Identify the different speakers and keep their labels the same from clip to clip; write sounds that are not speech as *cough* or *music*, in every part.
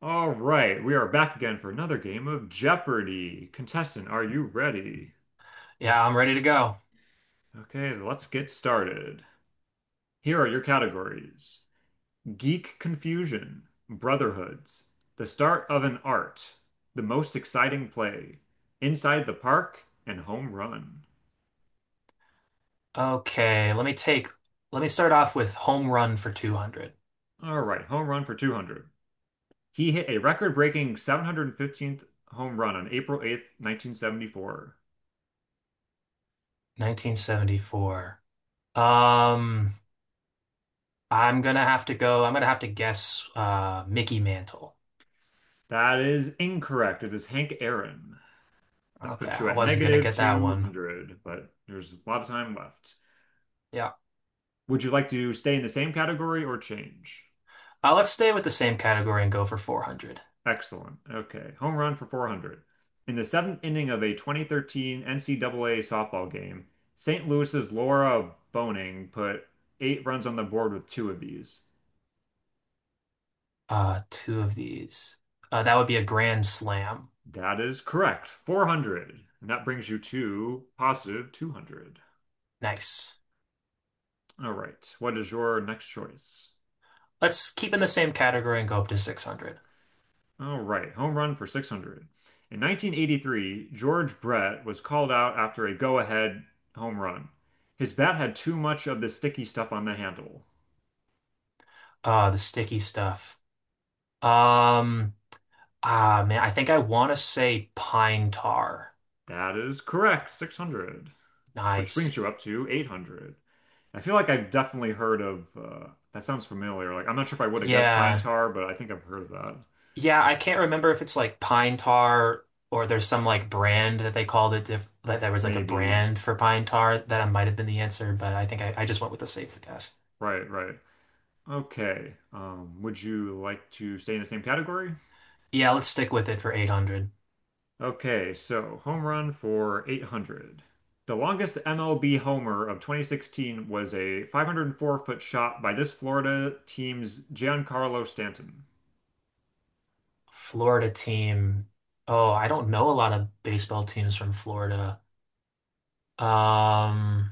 Speaker 1: All right, we are back again for another game of Jeopardy! Contestant, are you ready?
Speaker 2: Yeah, I'm ready to go.
Speaker 1: Okay, let's get started. Here are your categories: Geek Confusion, Brotherhoods, The Start of an Art, The Most Exciting Play, Inside the Park, and Home Run.
Speaker 2: Okay, let me start off with Home Run for 200,
Speaker 1: All right, home run for 200. He hit a record-breaking 715th home run on April 8th, 1974.
Speaker 2: 1974. Um, I'm gonna have to guess Mickey Mantle.
Speaker 1: That is incorrect. It is Hank Aaron. That
Speaker 2: Okay,
Speaker 1: puts you
Speaker 2: I
Speaker 1: at
Speaker 2: wasn't gonna
Speaker 1: negative
Speaker 2: get that one.
Speaker 1: 200, but there's a lot of time left.
Speaker 2: Yeah.
Speaker 1: Would you like to stay in the same category or change?
Speaker 2: Let's stay with the same category and go for 400.
Speaker 1: Excellent. Okay. Home run for 400. In the seventh inning of a 2013 NCAA softball game, St. Louis's Laura Boning put eight runs on the board with two of these.
Speaker 2: Two of these. That would be a grand slam.
Speaker 1: That is correct. 400. And that brings you to positive 200.
Speaker 2: Nice.
Speaker 1: All right. What is your next choice?
Speaker 2: Let's keep in the same category and go up to 600.
Speaker 1: All right, home run for 600. In 1983, George Brett was called out after a go-ahead home run. His bat had too much of the sticky stuff on the handle.
Speaker 2: The sticky stuff. Um, Ah, man, I think I want to say pine tar.
Speaker 1: That is correct, 600, which
Speaker 2: Nice.
Speaker 1: brings you up to 800. I feel like I've definitely heard of that sounds familiar. Like I'm not sure if I would have guessed pine
Speaker 2: Yeah.
Speaker 1: tar, but I think I've heard of that.
Speaker 2: Yeah, I can't remember if it's like pine tar or there's some like brand that they called it diff that there was like a
Speaker 1: Maybe.
Speaker 2: brand for pine tar that might have been the answer, but I think I just went with the safer guess.
Speaker 1: Right, right. Okay. Would you like to stay in the same category?
Speaker 2: Yeah, let's stick with it for 800.
Speaker 1: Okay, so home run for 800. The longest MLB homer of 2016 was a 504-foot shot by this Florida team's Giancarlo Stanton.
Speaker 2: Florida team. Oh, I don't know a lot of baseball teams from Florida. Um,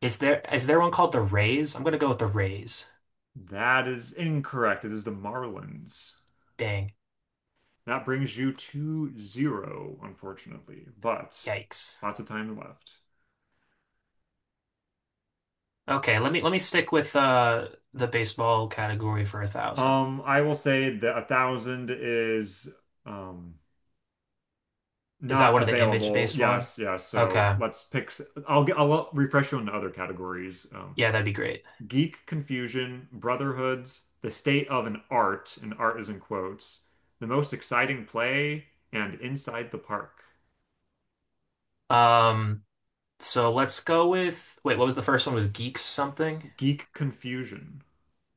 Speaker 2: is there one called the Rays? I'm gonna go with the Rays.
Speaker 1: That is incorrect. It is the Marlins.
Speaker 2: Dang.
Speaker 1: That brings you to zero, unfortunately, but
Speaker 2: Yikes.
Speaker 1: lots of time left.
Speaker 2: Okay, let me stick with the baseball category for a thousand.
Speaker 1: I will say that a thousand is um
Speaker 2: Is that
Speaker 1: not
Speaker 2: one of the
Speaker 1: available.
Speaker 2: image-based one?
Speaker 1: Yes, yes. So
Speaker 2: Okay.
Speaker 1: let's pick. I'll get. I'll refresh you on the other categories.
Speaker 2: Yeah, that'd be great.
Speaker 1: Geek confusion, brotherhoods, the state of an art, and art is in quotes, the most exciting play, and inside the park.
Speaker 2: Um, so let's go with wait, what was the first one? Was geeks something?
Speaker 1: Geek confusion.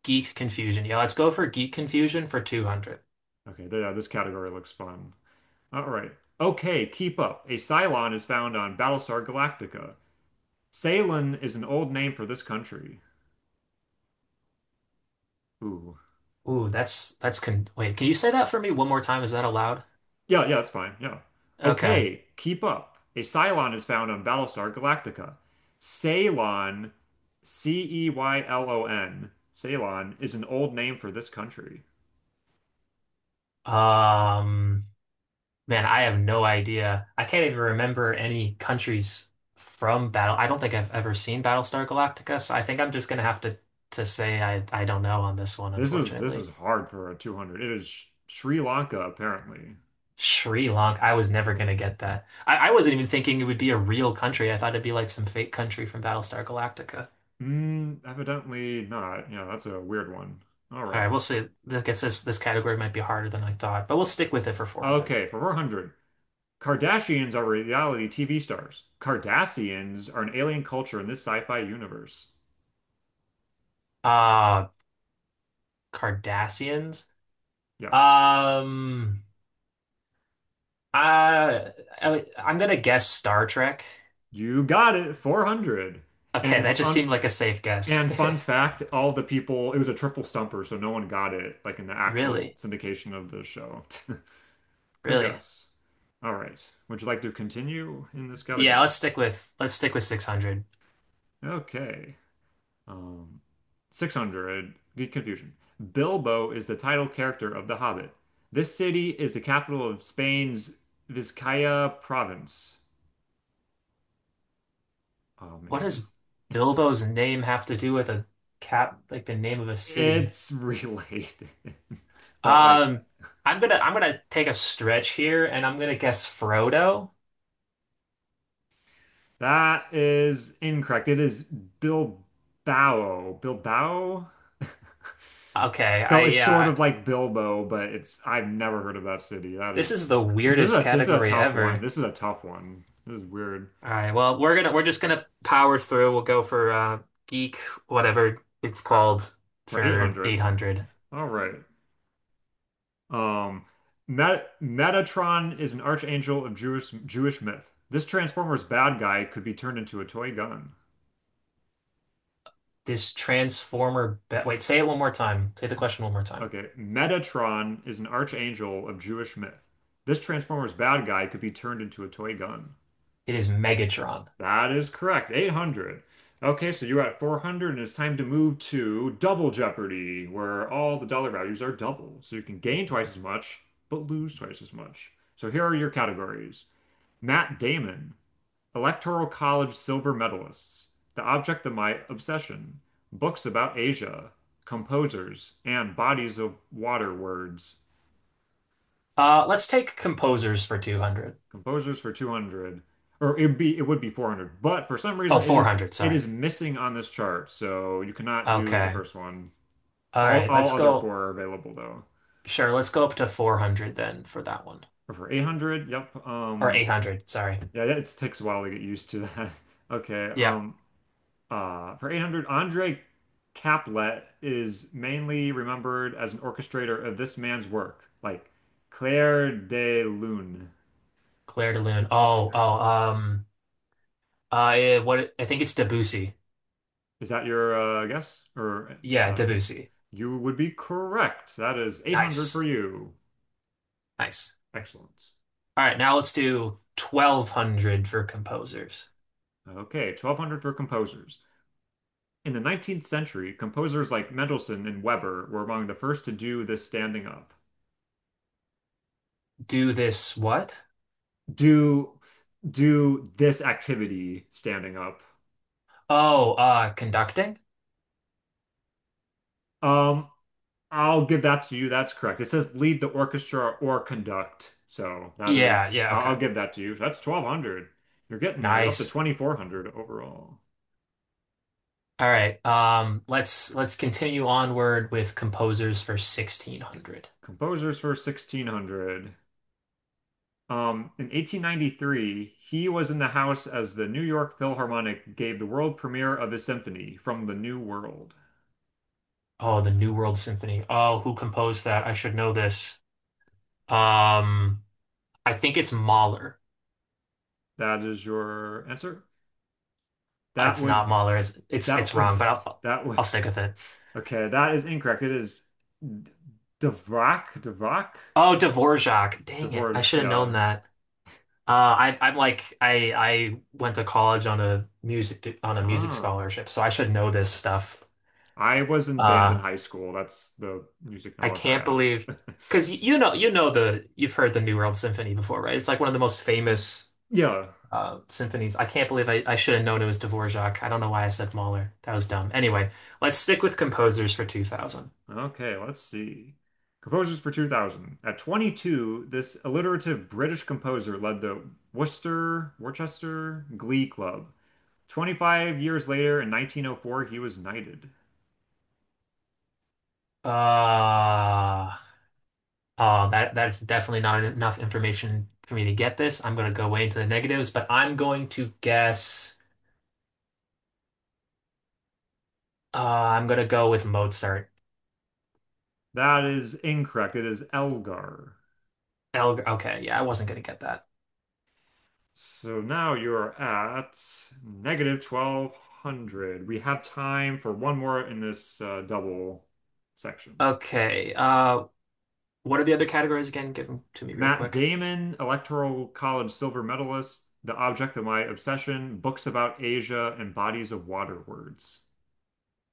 Speaker 2: Geek confusion. Yeah, let's go for geek confusion for 200.
Speaker 1: Okay, yeah, this category looks fun. All right. Okay, keep up. A Cylon is found on Battlestar Galactica. Ceylon is an old name for this country. Ooh.
Speaker 2: Ooh, that's con wait, can you say that for me one more time? Is that allowed?
Speaker 1: Yeah, yeah, that's fine. Yeah.
Speaker 2: Okay.
Speaker 1: Okay, keep up. A Cylon is found on Battlestar Galactica. Ceylon, CEYLON. Ceylon is an old name for this country.
Speaker 2: Um, Man, I have no idea. I can't even remember any countries from Battle. I don't think I've ever seen Battlestar Galactica, so I think I'm just gonna have to say I don't know on this one,
Speaker 1: This was
Speaker 2: unfortunately.
Speaker 1: hard for a 200. It is Sh- Sri Lanka, apparently.
Speaker 2: Sri Lanka, I was never gonna
Speaker 1: Uh,
Speaker 2: get that. I wasn't even thinking it would be a real country. I thought it'd be like some fake country from Battlestar Galactica.
Speaker 1: Evidently not. Yeah, that's a weird one. All
Speaker 2: All
Speaker 1: right.
Speaker 2: right, we'll see. I guess this category might be harder than I thought, but we'll stick with it for 400.
Speaker 1: Okay, for 400. Kardashians are reality TV stars. Cardassians are an alien culture in this sci-fi universe.
Speaker 2: Uh, Cardassians.
Speaker 1: Yes.
Speaker 2: Um, I, I'm gonna guess Star Trek.
Speaker 1: You got it, 400.
Speaker 2: Okay,
Speaker 1: And
Speaker 2: that just
Speaker 1: fun,
Speaker 2: seemed like a safe guess.
Speaker 1: and
Speaker 2: *laughs*
Speaker 1: fun fact, all the people, it was a triple stumper, so no one got it, like in the actual
Speaker 2: Really,
Speaker 1: syndication of the show. *laughs* Good
Speaker 2: really.
Speaker 1: guess. All right. Would you like to continue in this
Speaker 2: Yeah,
Speaker 1: category?
Speaker 2: let's stick with 600.
Speaker 1: Okay. Um, 600, Good confusion. Bilbo is the title character of The Hobbit. This city is the capital of Spain's Vizcaya province. Oh
Speaker 2: What
Speaker 1: man,
Speaker 2: does
Speaker 1: this,
Speaker 2: Bilbo's name have to do with like the name of a city?
Speaker 1: it's related. *laughs* But like
Speaker 2: Um, I'm gonna take a stretch here and I'm gonna guess Frodo.
Speaker 1: that is incorrect. It is Bilbao. Bilbao? *laughs*
Speaker 2: Okay, I
Speaker 1: So it's sort
Speaker 2: yeah,
Speaker 1: of
Speaker 2: I-
Speaker 1: like Bilbo, but it's I've never heard of that city. That
Speaker 2: this
Speaker 1: is
Speaker 2: is the
Speaker 1: this is
Speaker 2: weirdest
Speaker 1: a this is a
Speaker 2: category
Speaker 1: tough one.
Speaker 2: ever.
Speaker 1: This is a tough one. This is weird.
Speaker 2: All right, well, we're just gonna power through. We'll go for geek, whatever it's called,
Speaker 1: For
Speaker 2: for
Speaker 1: 800.
Speaker 2: 800.
Speaker 1: All right. Um, Metatron is an archangel of Jewish myth. This Transformers bad guy could be turned into a toy gun.
Speaker 2: Wait, say it one more time. Say the question one more time.
Speaker 1: Okay, Metatron is an archangel of Jewish myth. This Transformers bad guy could be turned into a toy gun.
Speaker 2: It is Megatron.
Speaker 1: That is correct. 800. Okay, so you're at 400, and it's time to move to Double Jeopardy, where all the dollar values are double. So you can gain twice as much, but lose twice as much. So here are your categories. Matt Damon, Electoral College silver medalists, The Object of My Obsession, books about Asia, composers, and bodies of water words.
Speaker 2: Let's take composers for 200.
Speaker 1: Composers for 200, or it would be 400, but for some
Speaker 2: Oh,
Speaker 1: reason it is
Speaker 2: 400,
Speaker 1: it
Speaker 2: sorry.
Speaker 1: is missing on this chart, so you cannot do the
Speaker 2: Okay.
Speaker 1: first one.
Speaker 2: All right,
Speaker 1: All
Speaker 2: let's
Speaker 1: other
Speaker 2: go.
Speaker 1: four are available though.
Speaker 2: Sure, let's go up to 400 then for that one.
Speaker 1: Or for 800, yep.
Speaker 2: Or 800, sorry.
Speaker 1: It takes a while to get used to that. *laughs* Okay.
Speaker 2: Yeah,
Speaker 1: For 800, Andre Caplet is mainly remembered as an orchestrator of this man's work, like Clair de Lune.
Speaker 2: Claire de Lune. Oh, what, I think it's Debussy.
Speaker 1: Is that your guess or
Speaker 2: Yeah,
Speaker 1: answer?
Speaker 2: Debussy.
Speaker 1: You would be correct. That is 800 for
Speaker 2: Nice,
Speaker 1: you.
Speaker 2: nice.
Speaker 1: Excellent.
Speaker 2: All right, now let's do 1200 for composers.
Speaker 1: Okay, 1200 for composers. In the 19th century, composers like Mendelssohn and Weber were among the first to do this standing up.
Speaker 2: Do this what?
Speaker 1: Do do this activity standing up.
Speaker 2: Oh, conducting?
Speaker 1: Um, I'll give that to you. That's correct. It says lead the orchestra or conduct. So that
Speaker 2: Yeah,
Speaker 1: is,
Speaker 2: yeah,
Speaker 1: I'll
Speaker 2: okay.
Speaker 1: give that to you. That's 1200. You're getting there. You're up to
Speaker 2: Nice.
Speaker 1: 2400 overall.
Speaker 2: All right. Let's continue onward with composers for 1600.
Speaker 1: Composers for 1600. In 1893, he was in the house as the New York Philharmonic gave the world premiere of his symphony, From the New World.
Speaker 2: Oh, the New World Symphony. Oh, who composed that? I should know this. Um, I think it's Mahler.
Speaker 1: That is your answer? That
Speaker 2: It's
Speaker 1: would
Speaker 2: not Mahler. It's it's,
Speaker 1: that
Speaker 2: it's wrong, but
Speaker 1: *laughs*
Speaker 2: I'll
Speaker 1: that would
Speaker 2: I'll stick with it.
Speaker 1: Okay, that is incorrect. It is D- Dvorak, Dvorak,
Speaker 2: Oh, Dvorak. Dang it. I
Speaker 1: Dvorak,
Speaker 2: should have known
Speaker 1: yeah.
Speaker 2: that. Uh, I I'm like I went to college on a music
Speaker 1: Ah,
Speaker 2: scholarship, so I should know this stuff.
Speaker 1: I was in band in
Speaker 2: Uh.
Speaker 1: high school. That's the music
Speaker 2: I
Speaker 1: knowledge I
Speaker 2: can't believe
Speaker 1: have. *laughs*
Speaker 2: because you've heard the New World Symphony before, right? It's like one of the most famous
Speaker 1: Yeah.
Speaker 2: symphonies. I can't believe I should have known it was Dvorak. I don't know why I said Mahler. That was dumb. Anyway, let's stick with composers for 2000.
Speaker 1: Okay, let's see. Composers for 2000. At 22, this alliterative British composer led the Worcester Glee Club. 25 years later, in 1904, he was knighted.
Speaker 2: Uh, oh, that's definitely not enough information for me to get this. I'm gonna go way into the negatives, but I'm going to guess. I'm gonna go with Mozart.
Speaker 1: That is incorrect. It is Elgar.
Speaker 2: El Okay, yeah, I wasn't gonna get that.
Speaker 1: So now you're at negative 1200. We have time for one more in this double section.
Speaker 2: Okay. What are the other categories again? Give them to me real
Speaker 1: Matt
Speaker 2: quick.
Speaker 1: Damon, Electoral College silver medalist, The Object of My Obsession, Books About Asia, and Bodies of Water Words.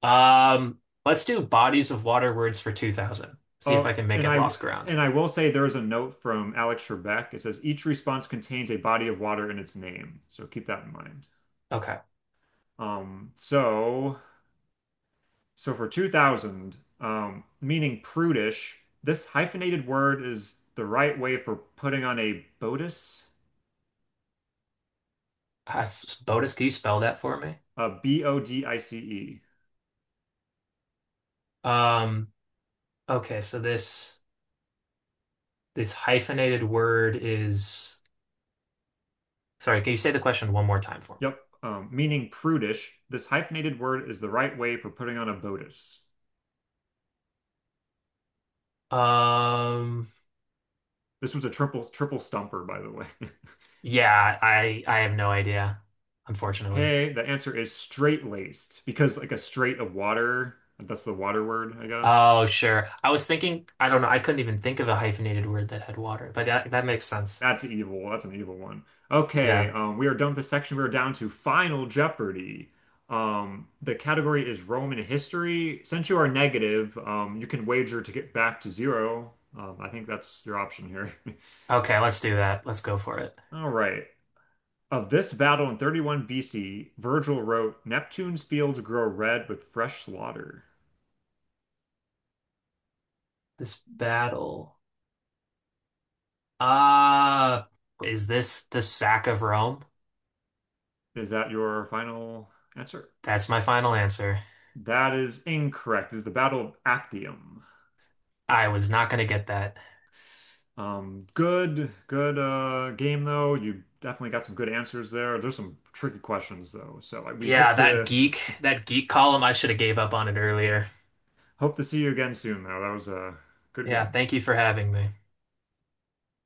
Speaker 2: Um, let's do bodies of water words for 2000. See if
Speaker 1: Oh,
Speaker 2: I can make
Speaker 1: and
Speaker 2: it
Speaker 1: I
Speaker 2: lost ground.
Speaker 1: and I will say there's a note from Alex Trebek. It says each response contains a body of water in its name, so keep that in mind.
Speaker 2: Okay.
Speaker 1: Um, so so for 2000, meaning prudish, this hyphenated word is the right way for putting on a bodice,
Speaker 2: Ah, Botus, can you spell that for me?
Speaker 1: a BODICE.
Speaker 2: Um, okay, so this hyphenated word is sorry, can you say the question one more time for me?
Speaker 1: Yep. Meaning prudish, this hyphenated word is the right way for putting on a bodice.
Speaker 2: Um,
Speaker 1: This was a triple stumper, by the way. *laughs*
Speaker 2: yeah, I have no idea, unfortunately.
Speaker 1: Okay, the answer is straight-laced because like a straight of water, that's the water word, I guess.
Speaker 2: Oh, sure. I was thinking, I don't know, I couldn't even think of a hyphenated word that had water, but that makes sense.
Speaker 1: That's evil. That's an evil one. Okay,
Speaker 2: Yeah.
Speaker 1: we are done with this section. We are down to Final Jeopardy. The category is Roman history. Since you are negative, you can wager to get back to zero. I think that's your option here. *laughs*
Speaker 2: Okay, let's do that. Let's go for it.
Speaker 1: All right. Of this battle in 31 BC, Virgil wrote, Neptune's fields grow red with fresh slaughter.
Speaker 2: This battle. Uh, is this the sack of Rome?
Speaker 1: Is that your final answer?
Speaker 2: That's my final answer.
Speaker 1: That is incorrect. It's the Battle of Actium.
Speaker 2: I was not gonna get that.
Speaker 1: Good, game though. You definitely got some good answers there. There's some tricky questions though, so like, we
Speaker 2: Yeah,
Speaker 1: hope
Speaker 2: that
Speaker 1: to
Speaker 2: geek, that geek column, I should have gave up on it earlier.
Speaker 1: *laughs* hope to see you again soon though. That was a good
Speaker 2: Yeah,
Speaker 1: game.
Speaker 2: thank you for having me.